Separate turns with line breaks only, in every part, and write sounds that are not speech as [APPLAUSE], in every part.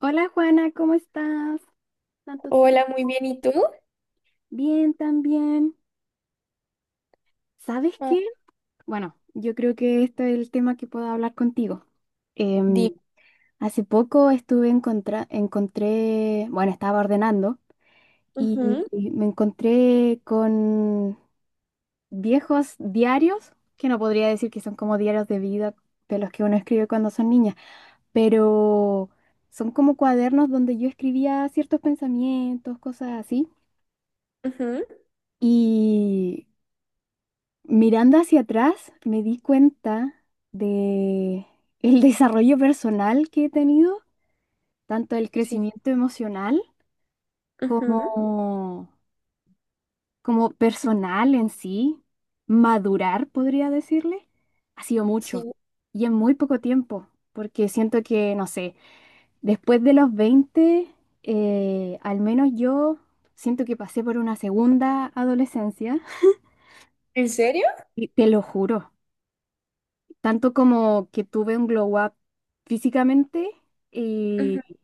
Hola Juana, ¿cómo estás? Tanto tiempo.
Hola, muy bien. ¿Y tú?
Bien, también. ¿Sabes
Ah.
qué? Bueno, yo creo que esto es el tema que puedo hablar contigo. Em,
Di-
Hace poco encontré, bueno, estaba ordenando
Ujú.
y me encontré con viejos diarios, que no podría decir que son como diarios de vida de los que uno escribe cuando son niñas, pero son como cuadernos donde yo escribía ciertos pensamientos, cosas así.
Ujú.
Y mirando hacia atrás, me di cuenta de el [LAUGHS] desarrollo personal que he tenido, tanto el
Sí.
crecimiento emocional como,
Ujú.
como personal en sí. Madurar, podría decirle, ha sido mucho
Sí.
y en muy poco tiempo, porque siento que, no sé, después de los 20, al menos yo siento que pasé por una segunda adolescencia
¿En serio?
y te lo juro. Tanto como que tuve un glow up físicamente
Ujú.
y,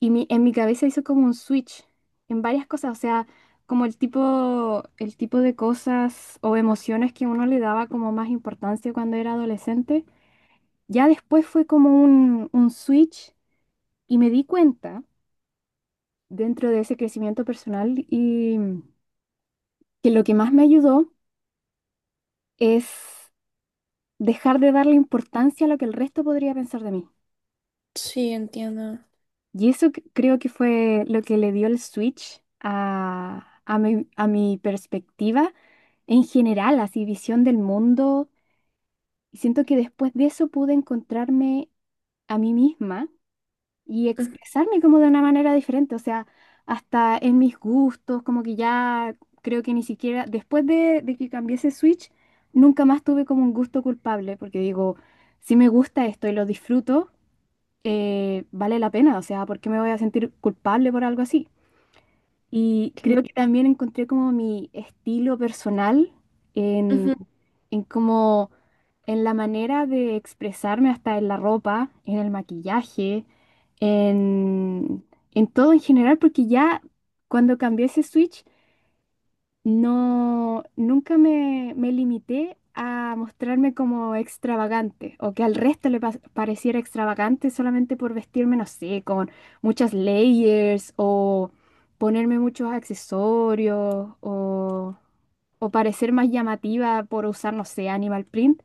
en mi cabeza hizo como un switch en varias cosas, o sea, como el tipo de cosas o emociones que uno le daba como más importancia cuando era adolescente. Ya después fue como un switch y me di cuenta dentro de ese crecimiento personal y que lo que más me ayudó es dejar de darle importancia a lo que el resto podría pensar de mí.
Sí, entiendo.
Y eso creo que fue lo que le dio el switch a mi perspectiva en general, así visión del mundo. Y siento que después de eso pude encontrarme a mí misma y
Ujú.
expresarme como de una manera diferente, o sea, hasta en mis gustos, como que ya creo que ni siquiera, después de que cambié ese switch, nunca más tuve como un gusto culpable, porque digo, si me gusta esto y lo disfruto vale la pena, o sea, ¿por qué me voy a sentir culpable por algo así? Y
cla-
creo que también encontré como mi estilo personal en,
Ujú.
en como en la manera de expresarme hasta en la ropa, en el maquillaje, en, en todo en general, porque ya cuando cambié ese switch no, nunca me, me limité a mostrarme como extravagante o que al resto le pareciera extravagante solamente por vestirme, no sé, con muchas layers o ponerme muchos accesorios o parecer más llamativa por usar, no sé, animal print.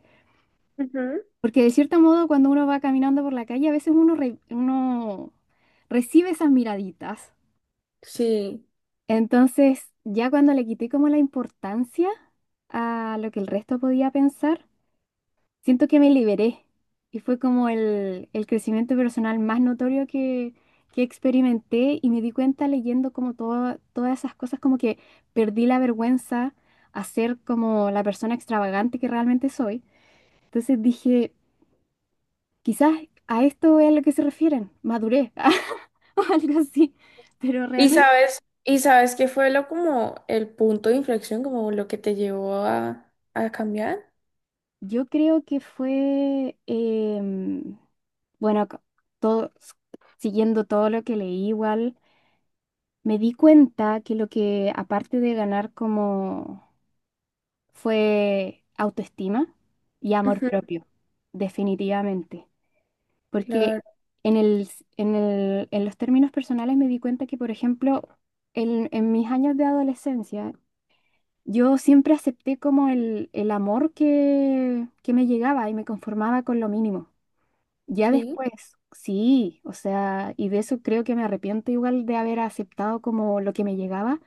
Ujú.
Porque de cierto modo cuando uno va caminando por la calle a veces uno recibe esas miraditas.
Sí.
Entonces, ya cuando le quité como la importancia a lo que el resto podía pensar, siento que me liberé y fue como el crecimiento personal más notorio que experimenté y me di cuenta leyendo como todas esas cosas, como que perdí la vergüenza a ser como la persona extravagante que realmente soy. Entonces dije, quizás a esto es a lo que se refieren, madurez [LAUGHS] o algo así, pero
¿Y
realmente...
sabes, y sabes qué fue lo como el punto de inflexión, como lo que te llevó a cambiar?
Yo creo que fue, bueno, todo, siguiendo todo lo que leí igual, me di cuenta que lo que aparte de ganar como fue autoestima y amor
Ujú.
propio, definitivamente. Porque
Claro,
en el, en en los términos personales me di cuenta que, por ejemplo, en mis años de adolescencia, yo siempre acepté como el amor que me llegaba y me conformaba con lo mínimo. Ya
sí.
después, sí, o sea, y de eso creo que me arrepiento igual de haber aceptado como lo que me llegaba,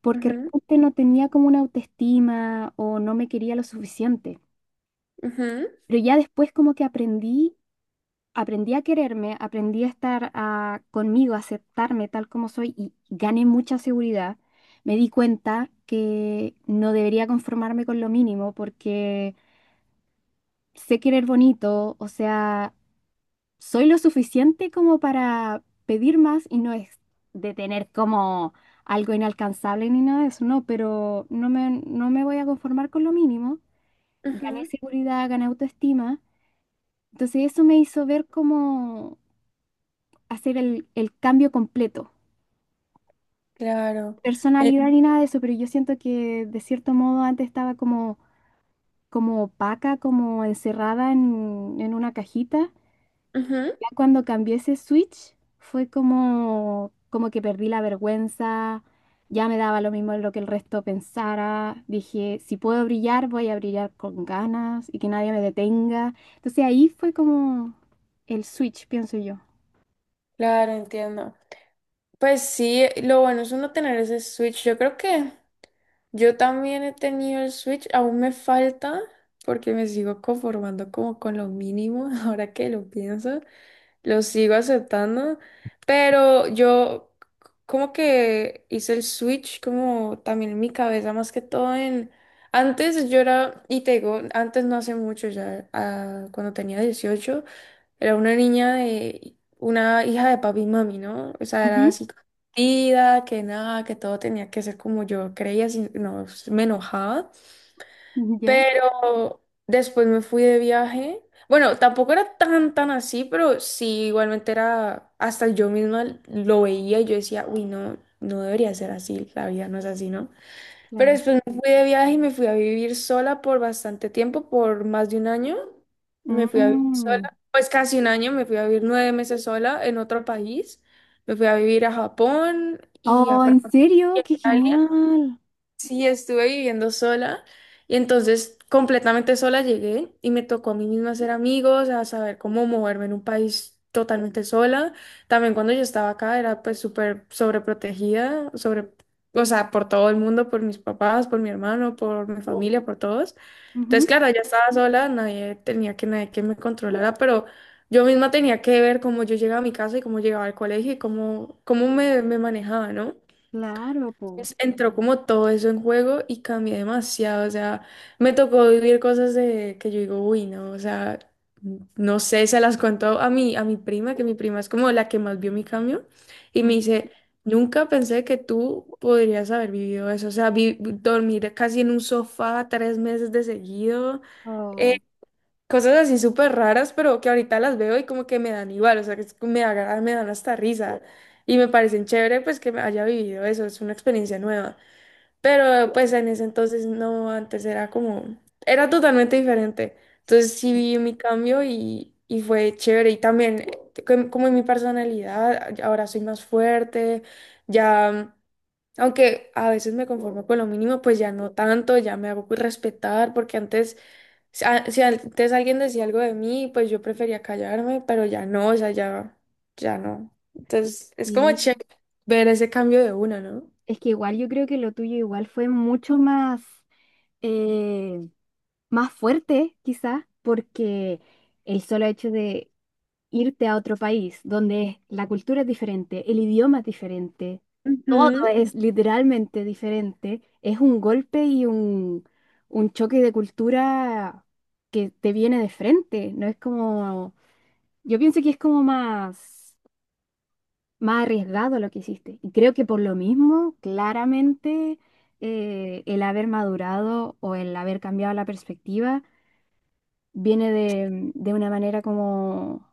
porque
Ujú.
realmente no tenía como una autoestima o no me quería lo suficiente.
Ujú.
Pero ya después como que aprendí, aprendí a quererme, aprendí a estar conmigo, a aceptarme tal como soy y gané mucha seguridad. Me di cuenta que no debería conformarme con lo mínimo porque sé querer bonito, o sea... Soy lo suficiente como para pedir más y no es de tener como algo inalcanzable ni nada de eso, no, pero no me, no me voy a conformar con lo mínimo. Gané
Ujú.
seguridad, gané autoestima. Entonces eso me hizo ver cómo hacer el cambio completo.
Claro. Eh,
Personalidad ni nada de eso, pero yo siento que de cierto modo antes estaba como, como opaca, como encerrada en una cajita.
Ujú.
Ya cuando cambié ese switch fue como, como que perdí la vergüenza, ya me daba lo mismo lo que el resto pensara, dije, si puedo brillar, voy a brillar con ganas y que nadie me detenga. Entonces ahí fue como el switch, pienso yo.
Claro, entiendo. Pues sí, lo bueno es uno tener ese switch. Yo creo que yo también he tenido el switch, aún me falta porque me sigo conformando como con lo mínimo, [LAUGHS] ahora que lo pienso, lo sigo aceptando, pero yo como que hice el switch como también en mi cabeza, más que todo en. Antes yo era, y te digo, antes no hace mucho ya, cuando tenía 18 era una hija de papi y mami, ¿no? O sea, era
Ujú.
así consentida, que nada, que todo tenía que ser como yo creía, si no, me enojaba.
[LAUGHS] ¿Ya?
Pero después me fui de viaje. Bueno, tampoco era tan así, pero sí, igualmente era, hasta yo misma lo veía y yo decía, uy, no, no debería ser así, la vida no es así, ¿no? Pero
Claro.
después me fui de viaje y me fui a vivir sola por bastante tiempo, por más de un año. Me fui a vivir sola,
Mm.
pues casi un año, me fui a vivir 9 meses sola en otro país. Me fui a vivir a Japón y a
Oh,
Francia.
¿en serio? ¡Qué genial!
Sí, estuve viviendo sola y entonces completamente sola llegué y me tocó a mí misma hacer amigos, a saber cómo moverme en un país totalmente sola. También cuando yo estaba acá era pues súper sobreprotegida, o sea, por todo el mundo, por mis papás, por mi hermano, por mi familia, por todos. Entonces,
Ujú.
claro, ya estaba sola, nadie tenía que nadie que me controlara, pero yo misma tenía que ver cómo yo llegaba a mi casa y cómo llegaba al colegio y cómo me manejaba, ¿no?
Claro, po.
Entonces, entró como todo eso en juego y cambié demasiado, o sea, me tocó vivir cosas de que yo digo, uy, no, o sea, no sé, se las cuento a mi prima, que mi prima es como la que más vio mi cambio, y me
Mm.
dice, nunca pensé que tú podrías haber vivido eso, o sea, dormir casi en un sofá 3 meses de seguido.
Oh,
Cosas así súper raras, pero que ahorita las veo y como que me dan igual, o sea, me dan hasta risa y me parecen chévere pues que me haya vivido eso, es una experiencia nueva. Pero pues en ese entonces no, antes era como, era totalmente diferente. Entonces sí vi mi cambio y fue chévere y también como en mi personalidad, ahora soy más fuerte, ya, aunque a veces me conformo con lo mínimo, pues ya no tanto, ya me hago respetar porque antes. Si si antes alguien decía algo de mí, pues yo prefería callarme, pero ya no, o sea, ya, ya no. Entonces, es como
sí.
chévere ver ese cambio de una, ¿no?
Es que igual yo creo que lo tuyo igual fue mucho más. eh, más fuerte, quizás, porque el solo hecho de irte a otro país donde la cultura es diferente, el idioma es diferente, todo
Ujú.
es literalmente diferente, es un golpe y un choque de cultura que te viene de frente, no es como, yo pienso que es como más, más arriesgado lo que hiciste. Y creo que por lo mismo, claramente, el haber madurado o el haber cambiado la perspectiva, viene de una manera como,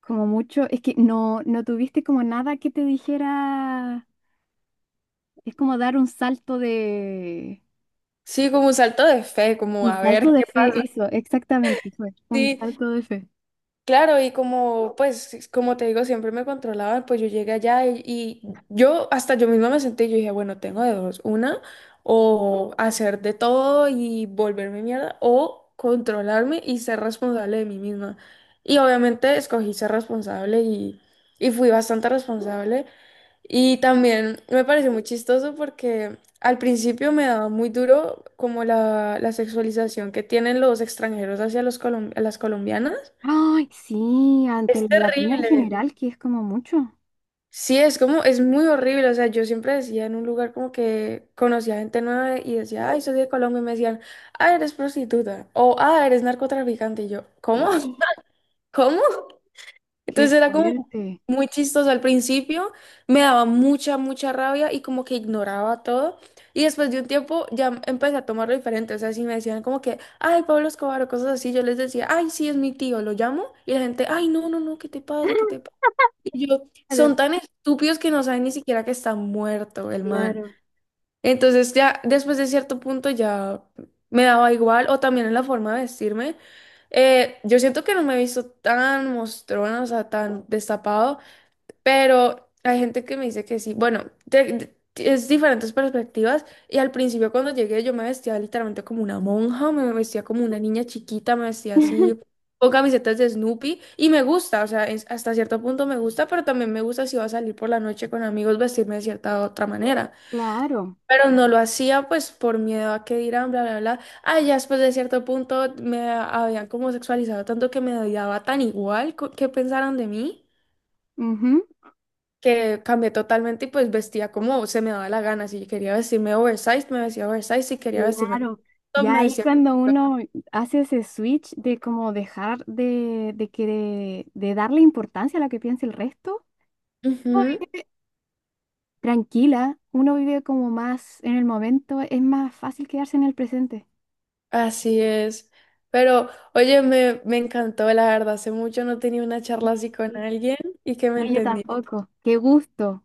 como mucho, es que no, no tuviste como nada que te dijera, es como dar
Sí, como un salto de fe, como
un
a
salto
ver
de
qué
fe,
pasa.
eso, exactamente fue, un
Sí.
salto de fe.
Claro, y como, pues, como te digo, siempre me controlaban, pues yo llegué allá y yo, hasta yo misma me senté y yo dije, bueno, tengo de dos, una, o hacer de todo y volverme mierda, o controlarme y ser responsable de mí misma. Y obviamente escogí ser responsable y fui bastante responsable. Y también me pareció muy chistoso porque al principio me daba muy duro como la sexualización que tienen los extranjeros hacia los a las colombianas.
Ay, sí, ante
Es
el latino en
terrible.
general, que es como mucho.
Sí, es como, es muy horrible. O sea, yo siempre decía en un lugar como que conocía gente nueva y decía, ay, soy de Colombia. Y me decían, ah, eres prostituta. O, ah, eres narcotraficante. Y yo, ¿cómo?
No.
[LAUGHS] ¿Cómo?
Qué
Entonces era como
fuerte.
muy chistoso al principio. Me daba mucha, mucha rabia y como que ignoraba todo. Y después de un tiempo ya empecé a tomarlo diferente. O sea, si me decían como que, ay, Pablo Escobar o cosas así, yo les decía, ay, sí, es mi tío, lo llamo. Y la gente, ay, no, no, no, ¿qué te pasa? ¿Qué te
[GASPS]
pasa? Y yo,
Claro,
son tan estúpidos que no saben ni siquiera que está muerto el man.
claro,
Entonces ya después de cierto punto ya me daba igual, o también en la forma de vestirme. Yo siento que no me he visto tan mostrona, o sea, tan destapado pero hay gente que me dice que sí. Bueno, es diferentes perspectivas. Y al principio cuando llegué yo me vestía literalmente como una monja, me vestía como una niña chiquita, me vestía así
[LAUGHS]
con camisetas de Snoopy. Y me gusta, o sea, hasta cierto punto me gusta, pero también me gusta si va a salir por la noche con amigos vestirme de cierta otra manera.
claro.
Pero no lo hacía pues por miedo a que dirán, bla, bla, bla. Ah, ya después de cierto punto me habían como sexualizado tanto que me daba tan igual que pensaran de mí
Ujú.
que cambié totalmente y pues vestía como se me daba la gana. Si quería vestirme oversized, me vestía oversized. Si quería vestirme con
Claro,
top,
ya
me
ahí
vestía
cuando
con top.
uno hace ese switch de como dejar de que de darle importancia a lo que piensa el resto, uno
Ujú,
vive tranquila, uno vive como más en el momento, es más fácil quedarse en el presente.
así es. Pero, oye, me encantó, la verdad. Hace mucho no tenía una
Sí,
charla así con
sí.
alguien y que me
No, yo
entendía.
tampoco. Qué gusto,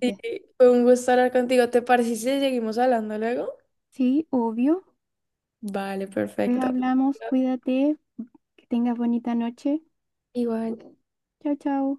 Sí, fue un gusto hablar contigo. ¿Te parece si seguimos hablando luego?
Sí, obvio.
Vale,
Pues
perfecto.
hablamos, cuídate, que tengas bonita noche.
Igual.
Chao, chao.